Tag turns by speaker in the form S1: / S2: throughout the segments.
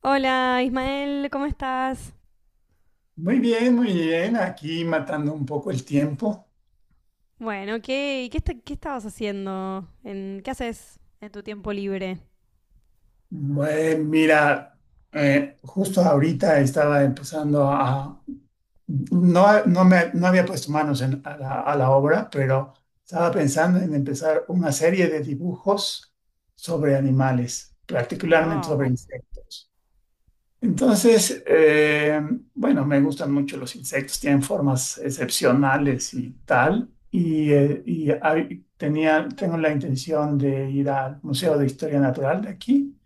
S1: Hola Ismael, ¿cómo estás?
S2: Muy bien, muy bien. Aquí matando un poco el tiempo.
S1: Bueno, ¿qué estabas haciendo? ¿Qué haces en tu tiempo libre?
S2: Eh, mira, justo ahorita estaba empezando a... no había puesto manos a a la obra, pero estaba pensando en empezar una serie de dibujos sobre animales, particularmente
S1: Wow.
S2: sobre insectos. Entonces, bueno, me gustan mucho los insectos, tienen formas excepcionales y tal. Y tengo la intención de ir al Museo de Historia Natural de aquí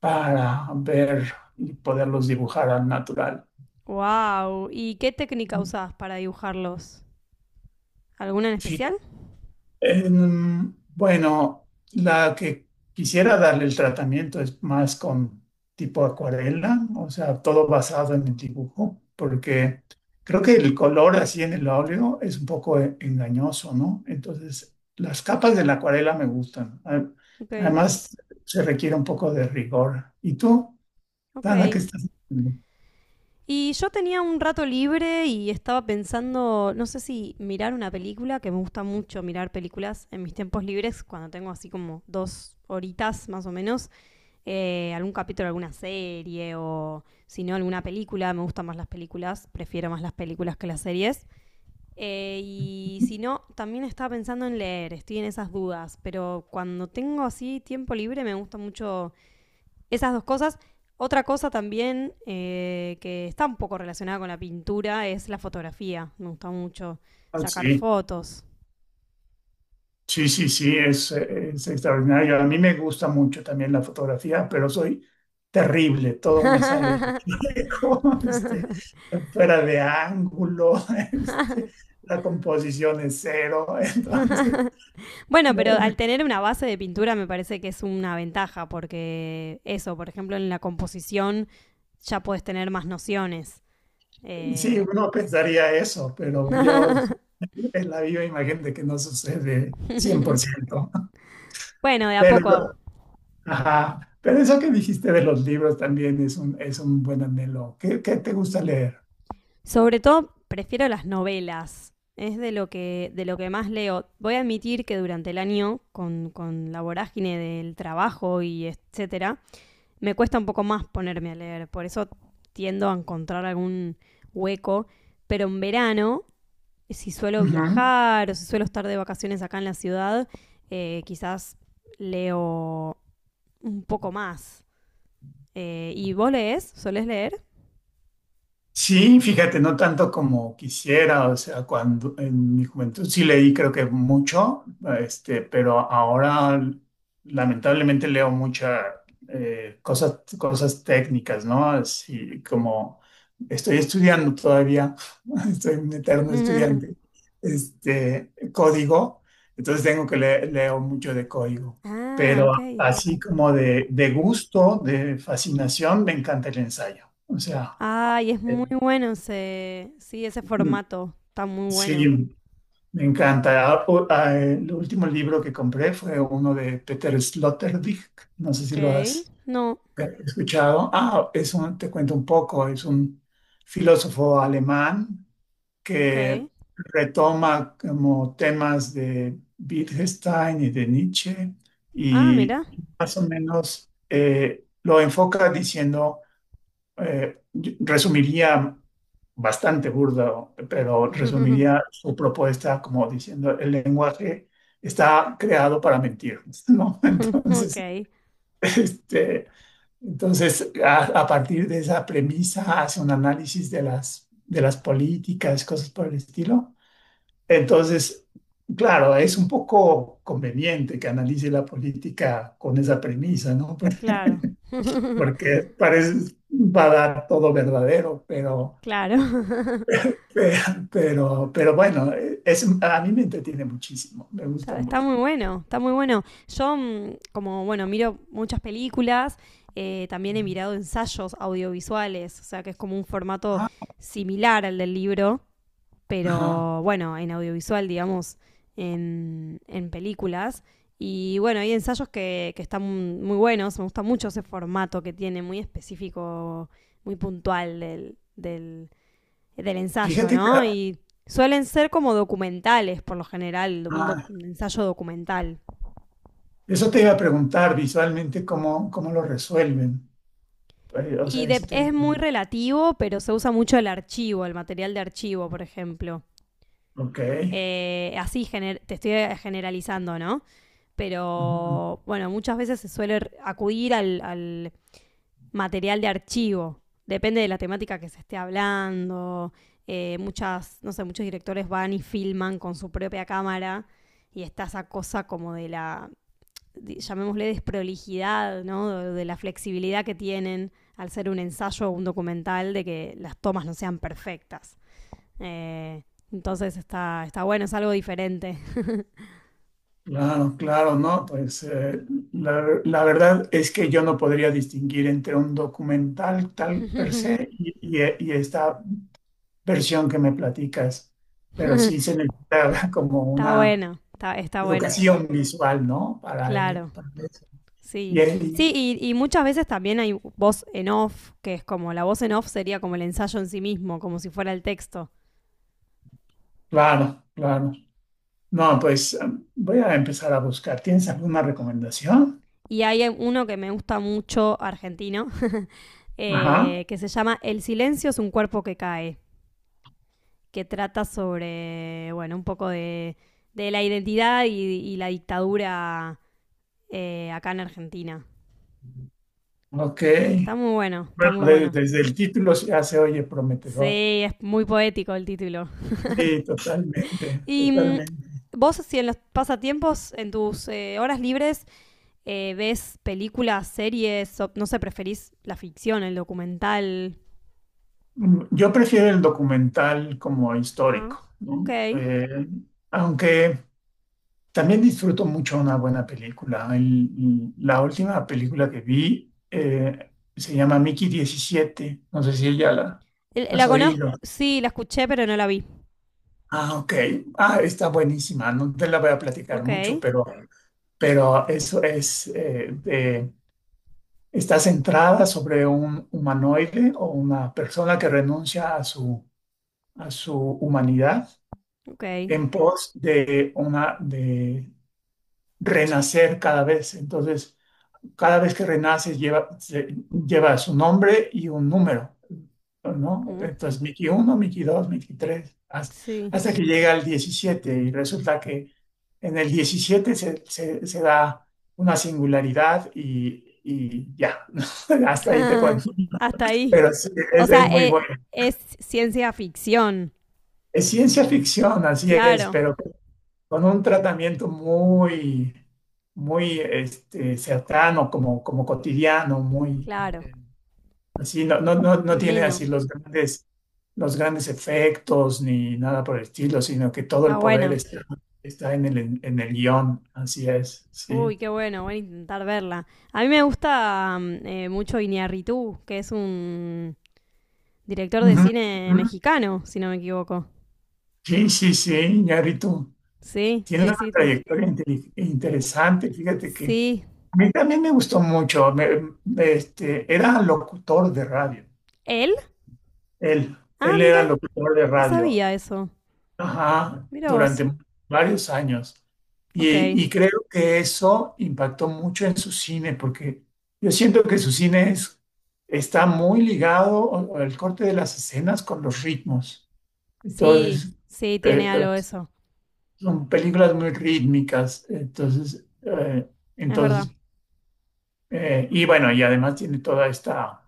S2: para ver y poderlos dibujar al natural.
S1: Wow. ¿Y qué técnica usás para dibujarlos? ¿Alguna en especial?
S2: Bueno, la que quisiera darle el tratamiento es más con tipo acuarela, o sea, todo basado en el dibujo, porque creo que el color así en el óleo es un poco engañoso, ¿no? Entonces, las capas de la acuarela me gustan. A-
S1: Ok,
S2: Además, se requiere un poco de rigor. ¿Y tú,
S1: ok.
S2: Dana, qué estás haciendo?
S1: Y yo tenía un rato libre y estaba pensando, no sé si mirar una película, que me gusta mucho mirar películas en mis tiempos libres, cuando tengo así como dos horitas más o menos. Algún capítulo de alguna serie o si no alguna película, me gustan más las películas, prefiero más las películas que las series. Y si no, también estaba pensando en leer, estoy en esas dudas, pero cuando tengo así tiempo libre me gustan mucho esas dos cosas. Otra cosa también, que está un poco relacionada con la pintura es la fotografía, me gusta mucho
S2: Ah,
S1: sacar
S2: sí.
S1: fotos.
S2: Sí, sí, sí, es extraordinario. A mí me gusta mucho también la fotografía, pero soy terrible. Todo me sale como, este, fuera de ángulo, este, la composición es cero. Entonces,
S1: Bueno, pero
S2: me-
S1: al
S2: me-
S1: tener una base de pintura me parece que es una ventaja, porque eso, por ejemplo, en la composición ya puedes tener más nociones.
S2: sí,
S1: Eh,
S2: uno pensaría eso, pero yo es la viva imagen de que no sucede cien por ciento.
S1: bueno, de a poco.
S2: Pero, ajá, pero eso que dijiste de los libros también es un buen anhelo. ¿Qué, qué te gusta leer?
S1: Sobre todo prefiero las novelas. Es de de lo que más leo. Voy a admitir que durante el año, con la vorágine del trabajo y etcétera, me cuesta un poco más ponerme a leer. Por eso tiendo a encontrar algún hueco. Pero en verano, si suelo
S2: Ujú.
S1: viajar o si suelo estar de vacaciones acá en la ciudad, quizás leo un poco más. ¿Y vos lees? ¿Solés leer?
S2: Sí, fíjate, no tanto como quisiera, o sea, cuando en mi juventud sí leí creo que mucho, este, pero ahora lamentablemente leo muchas cosas, cosas técnicas, ¿no? Así como estoy estudiando todavía, estoy un eterno estudiante, este, código, entonces leo mucho de código,
S1: Ah,
S2: pero
S1: ok.
S2: así como de gusto, de fascinación, me encanta el ensayo, o sea.
S1: Ay, es muy bueno ese. Sí, ese
S2: eh,
S1: formato. Está muy bueno.
S2: Sí, me encanta. Ah, el último libro que compré fue uno de Peter Sloterdijk. No sé si lo
S1: Ok.
S2: has
S1: No.
S2: escuchado. Ah, es un, te cuento un poco. Es un filósofo alemán
S1: Ok.
S2: que retoma como temas de Wittgenstein y de Nietzsche
S1: Ah, mira.
S2: y más o menos lo enfoca diciendo yo resumiría bastante burdo, pero resumiría su propuesta como diciendo el lenguaje está creado para mentir, ¿no? Entonces,
S1: ok.
S2: este, entonces a partir de esa premisa hace un análisis de las políticas, cosas por el estilo. Entonces, claro, es un poco conveniente que analice la política con esa premisa, ¿no?
S1: Claro,
S2: Porque parece, va a dar todo verdadero, pero
S1: claro.
S2: Pero, pero bueno, es, a mí me entretiene muchísimo, me gusta
S1: Está, está
S2: mucho.
S1: muy bueno, está muy bueno. Como bueno, miro muchas películas, también he mirado ensayos audiovisuales, o sea que es como un formato similar al del libro,
S2: Ajá.
S1: pero bueno, en audiovisual, digamos, en películas. Y bueno, hay ensayos que están muy buenos, me gusta mucho ese formato que tiene, muy específico, muy puntual del ensayo,
S2: Fíjate
S1: ¿no?
S2: que
S1: Y suelen ser como documentales, por lo general,
S2: ah,
S1: un ensayo documental.
S2: eso te iba a preguntar visualmente cómo, cómo lo resuelven. Pues, o sea, ese tema.
S1: Es muy relativo, pero se usa mucho el archivo, el material de archivo, por ejemplo.
S2: Ok.
S1: Te estoy generalizando, ¿no?
S2: Ujú.
S1: Pero bueno, muchas veces se suele acudir al material de archivo. Depende de la temática que se esté hablando. Muchas, no sé, muchos directores van y filman con su propia cámara y está esa cosa como de la, llamémosle, desprolijidad, ¿no? De la flexibilidad que tienen al ser un ensayo o un documental de que las tomas no sean perfectas. Eh, entonces está, está bueno, es algo diferente.
S2: Claro, claro, no, pues la, la verdad es que yo no podría distinguir entre un documental tal per se y, y esta versión que me platicas, pero sí se necesita como
S1: Está
S2: una
S1: bueno, está bueno,
S2: educación visual, ¿no? Para,
S1: claro. Sí,
S2: y ahí,
S1: sí, muchas veces también hay voz en off, que es como la voz en off sería como el ensayo en sí mismo, como si fuera el texto.
S2: claro, claro. No, pues am, voy a empezar a buscar. ¿Tienes alguna recomendación?
S1: Y hay uno que me gusta mucho, argentino,
S2: Ajá,
S1: que se llama El silencio es un cuerpo que cae. Que trata sobre, bueno, un poco de la identidad y la dictadura, acá en Argentina.
S2: ok.
S1: Está muy bueno, está
S2: Bueno,
S1: muy bueno.
S2: desde el título ya se oye prometedor.
S1: Sí, es muy poético el título.
S2: Sí, totalmente, totalmente.
S1: Vos, si en los pasatiempos, en tus horas libres, ves películas, series, no sé, preferís la ficción, el documental.
S2: Mm, yo prefiero el documental como
S1: Ah,
S2: histórico,
S1: ok.
S2: ¿no? Aunque también disfruto mucho una buena película. La última película que vi se llama Mickey diecisiete. No sé si ella la, la has
S1: ¿La conozco?
S2: oído.
S1: Sí, la escuché, pero no la vi.
S2: Ah, ok. Ah, está buenísima. No te la voy a platicar
S1: Ok,
S2: mucho, pero eso es, de- está centrada sobre un humanoide o una persona que renuncia a su humanidad
S1: ok.
S2: en pos de, una, de renacer cada vez. Entonces, cada vez que renaces lleva, lleva su nombre y un número, ¿no?
S1: Mm,
S2: Entonces, Miki 1, Miki 2, Miki 3, hasta,
S1: sí.
S2: hasta que llega al 17 y resulta que en el 17 se da una singularidad y ya, hasta ahí te
S1: Ajá,
S2: cuento.
S1: hasta ahí.
S2: Pero sí,
S1: O sea,
S2: es muy bueno.
S1: es ciencia ficción.
S2: Es ciencia ficción, así es,
S1: Claro,
S2: pero con un tratamiento muy, muy este, cercano, como, como cotidiano, muy...
S1: claro.
S2: eh, así no, no, no, no tiene
S1: Ameno.
S2: así los grandes efectos ni nada por el estilo, sino que todo
S1: Está
S2: el poder
S1: bueno.
S2: está, está en el guión. Así es,
S1: Uy,
S2: sí.
S1: qué bueno. Voy a intentar verla. A mí me gusta mucho Iñárritu, que es un director de
S2: Ujú,
S1: cine
S2: ujú.
S1: mexicano, si no me equivoco.
S2: Sí, sí, sí, Iñárritu.
S1: Sí,
S2: Tiene
S1: sí,
S2: una
S1: sí.
S2: trayectoria
S1: Eh,
S2: interesante, fíjate que.
S1: sí.
S2: A mí también me gustó mucho. Este, era locutor de radio.
S1: ¿Él?
S2: Él,
S1: Ah,
S2: él
S1: mira.
S2: era locutor de
S1: No
S2: radio.
S1: sabía eso.
S2: Ajá,
S1: Mira vos.
S2: durante varios años.
S1: Ok.
S2: Y creo que eso impactó mucho en su cine, porque yo siento que su cine está muy ligado o el corte de las escenas con los ritmos.
S1: Sí,
S2: Entonces,
S1: sí, tiene
S2: eh, eh,
S1: algo eso.
S2: son películas muy rítmicas. Entonces,
S1: Es verdad.
S2: entonces y bueno, y además tiene toda esta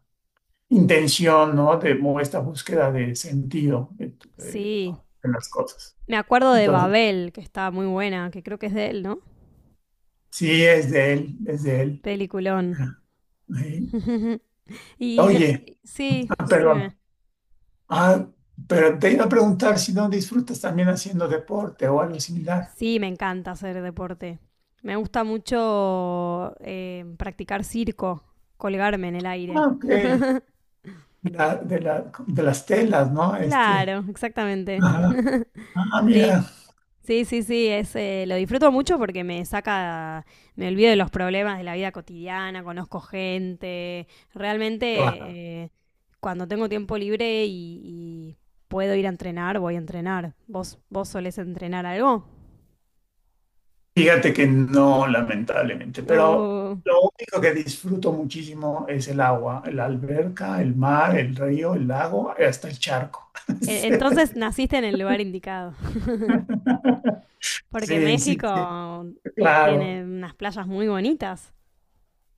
S2: intención, ¿no? De, o esta búsqueda de sentido
S1: Sí,
S2: en las cosas.
S1: me acuerdo de
S2: Entonces,
S1: Babel, que está muy buena, que creo que es de él, ¿no?
S2: sí, es de él, es de él.
S1: Peliculón.
S2: Ah, ahí.
S1: y no-
S2: Oye,
S1: sí,
S2: ah, pero,
S1: decime.
S2: ah, pero te iba a preguntar si no disfrutas también haciendo deporte o algo similar.
S1: Sí, me encanta hacer deporte. Me gusta mucho practicar circo, colgarme en el aire.
S2: Ah, ok. La- de las telas, ¿no? Este,
S1: Claro, exactamente.
S2: ajá. Ah,
S1: Sí,
S2: mira.
S1: Sí, sí, sí, es, lo disfruto mucho porque me saca, me olvido de los problemas de la vida cotidiana, conozco gente,
S2: Claro.
S1: realmente, cuando tengo tiempo libre y puedo ir a entrenar, voy a entrenar. Vos solés entrenar algo?
S2: Fíjate que no, lamentablemente, pero
S1: O-
S2: lo único que disfruto muchísimo es el agua, la alberca, el mar, el río, el lago, hasta el charco.
S1: Entonces naciste en el lugar indicado, porque
S2: Sí, sí, sí,
S1: México
S2: claro.
S1: tiene unas playas muy bonitas.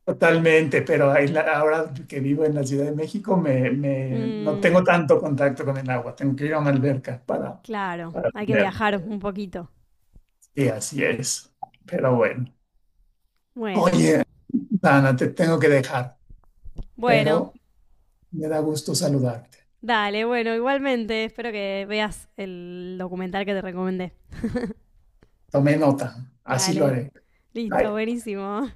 S2: Totalmente, pero ahí la- ahora que vivo en la Ciudad de México me, me- no
S1: Mm,
S2: tengo tanto contacto con el agua, tengo que ir a una alberca
S1: claro,
S2: para
S1: hay que
S2: tenerlo.
S1: viajar un poquito.
S2: Sí, así es, pero bueno.
S1: Bueno,
S2: Oye, Dana, te tengo que dejar,
S1: bueno,
S2: pero me da gusto saludarte.
S1: Dale, bueno, igualmente, espero que veas el documental que te recomendé.
S2: Tomé nota, así lo
S1: Dale,
S2: haré.
S1: listo,
S2: Bye.
S1: buenísimo.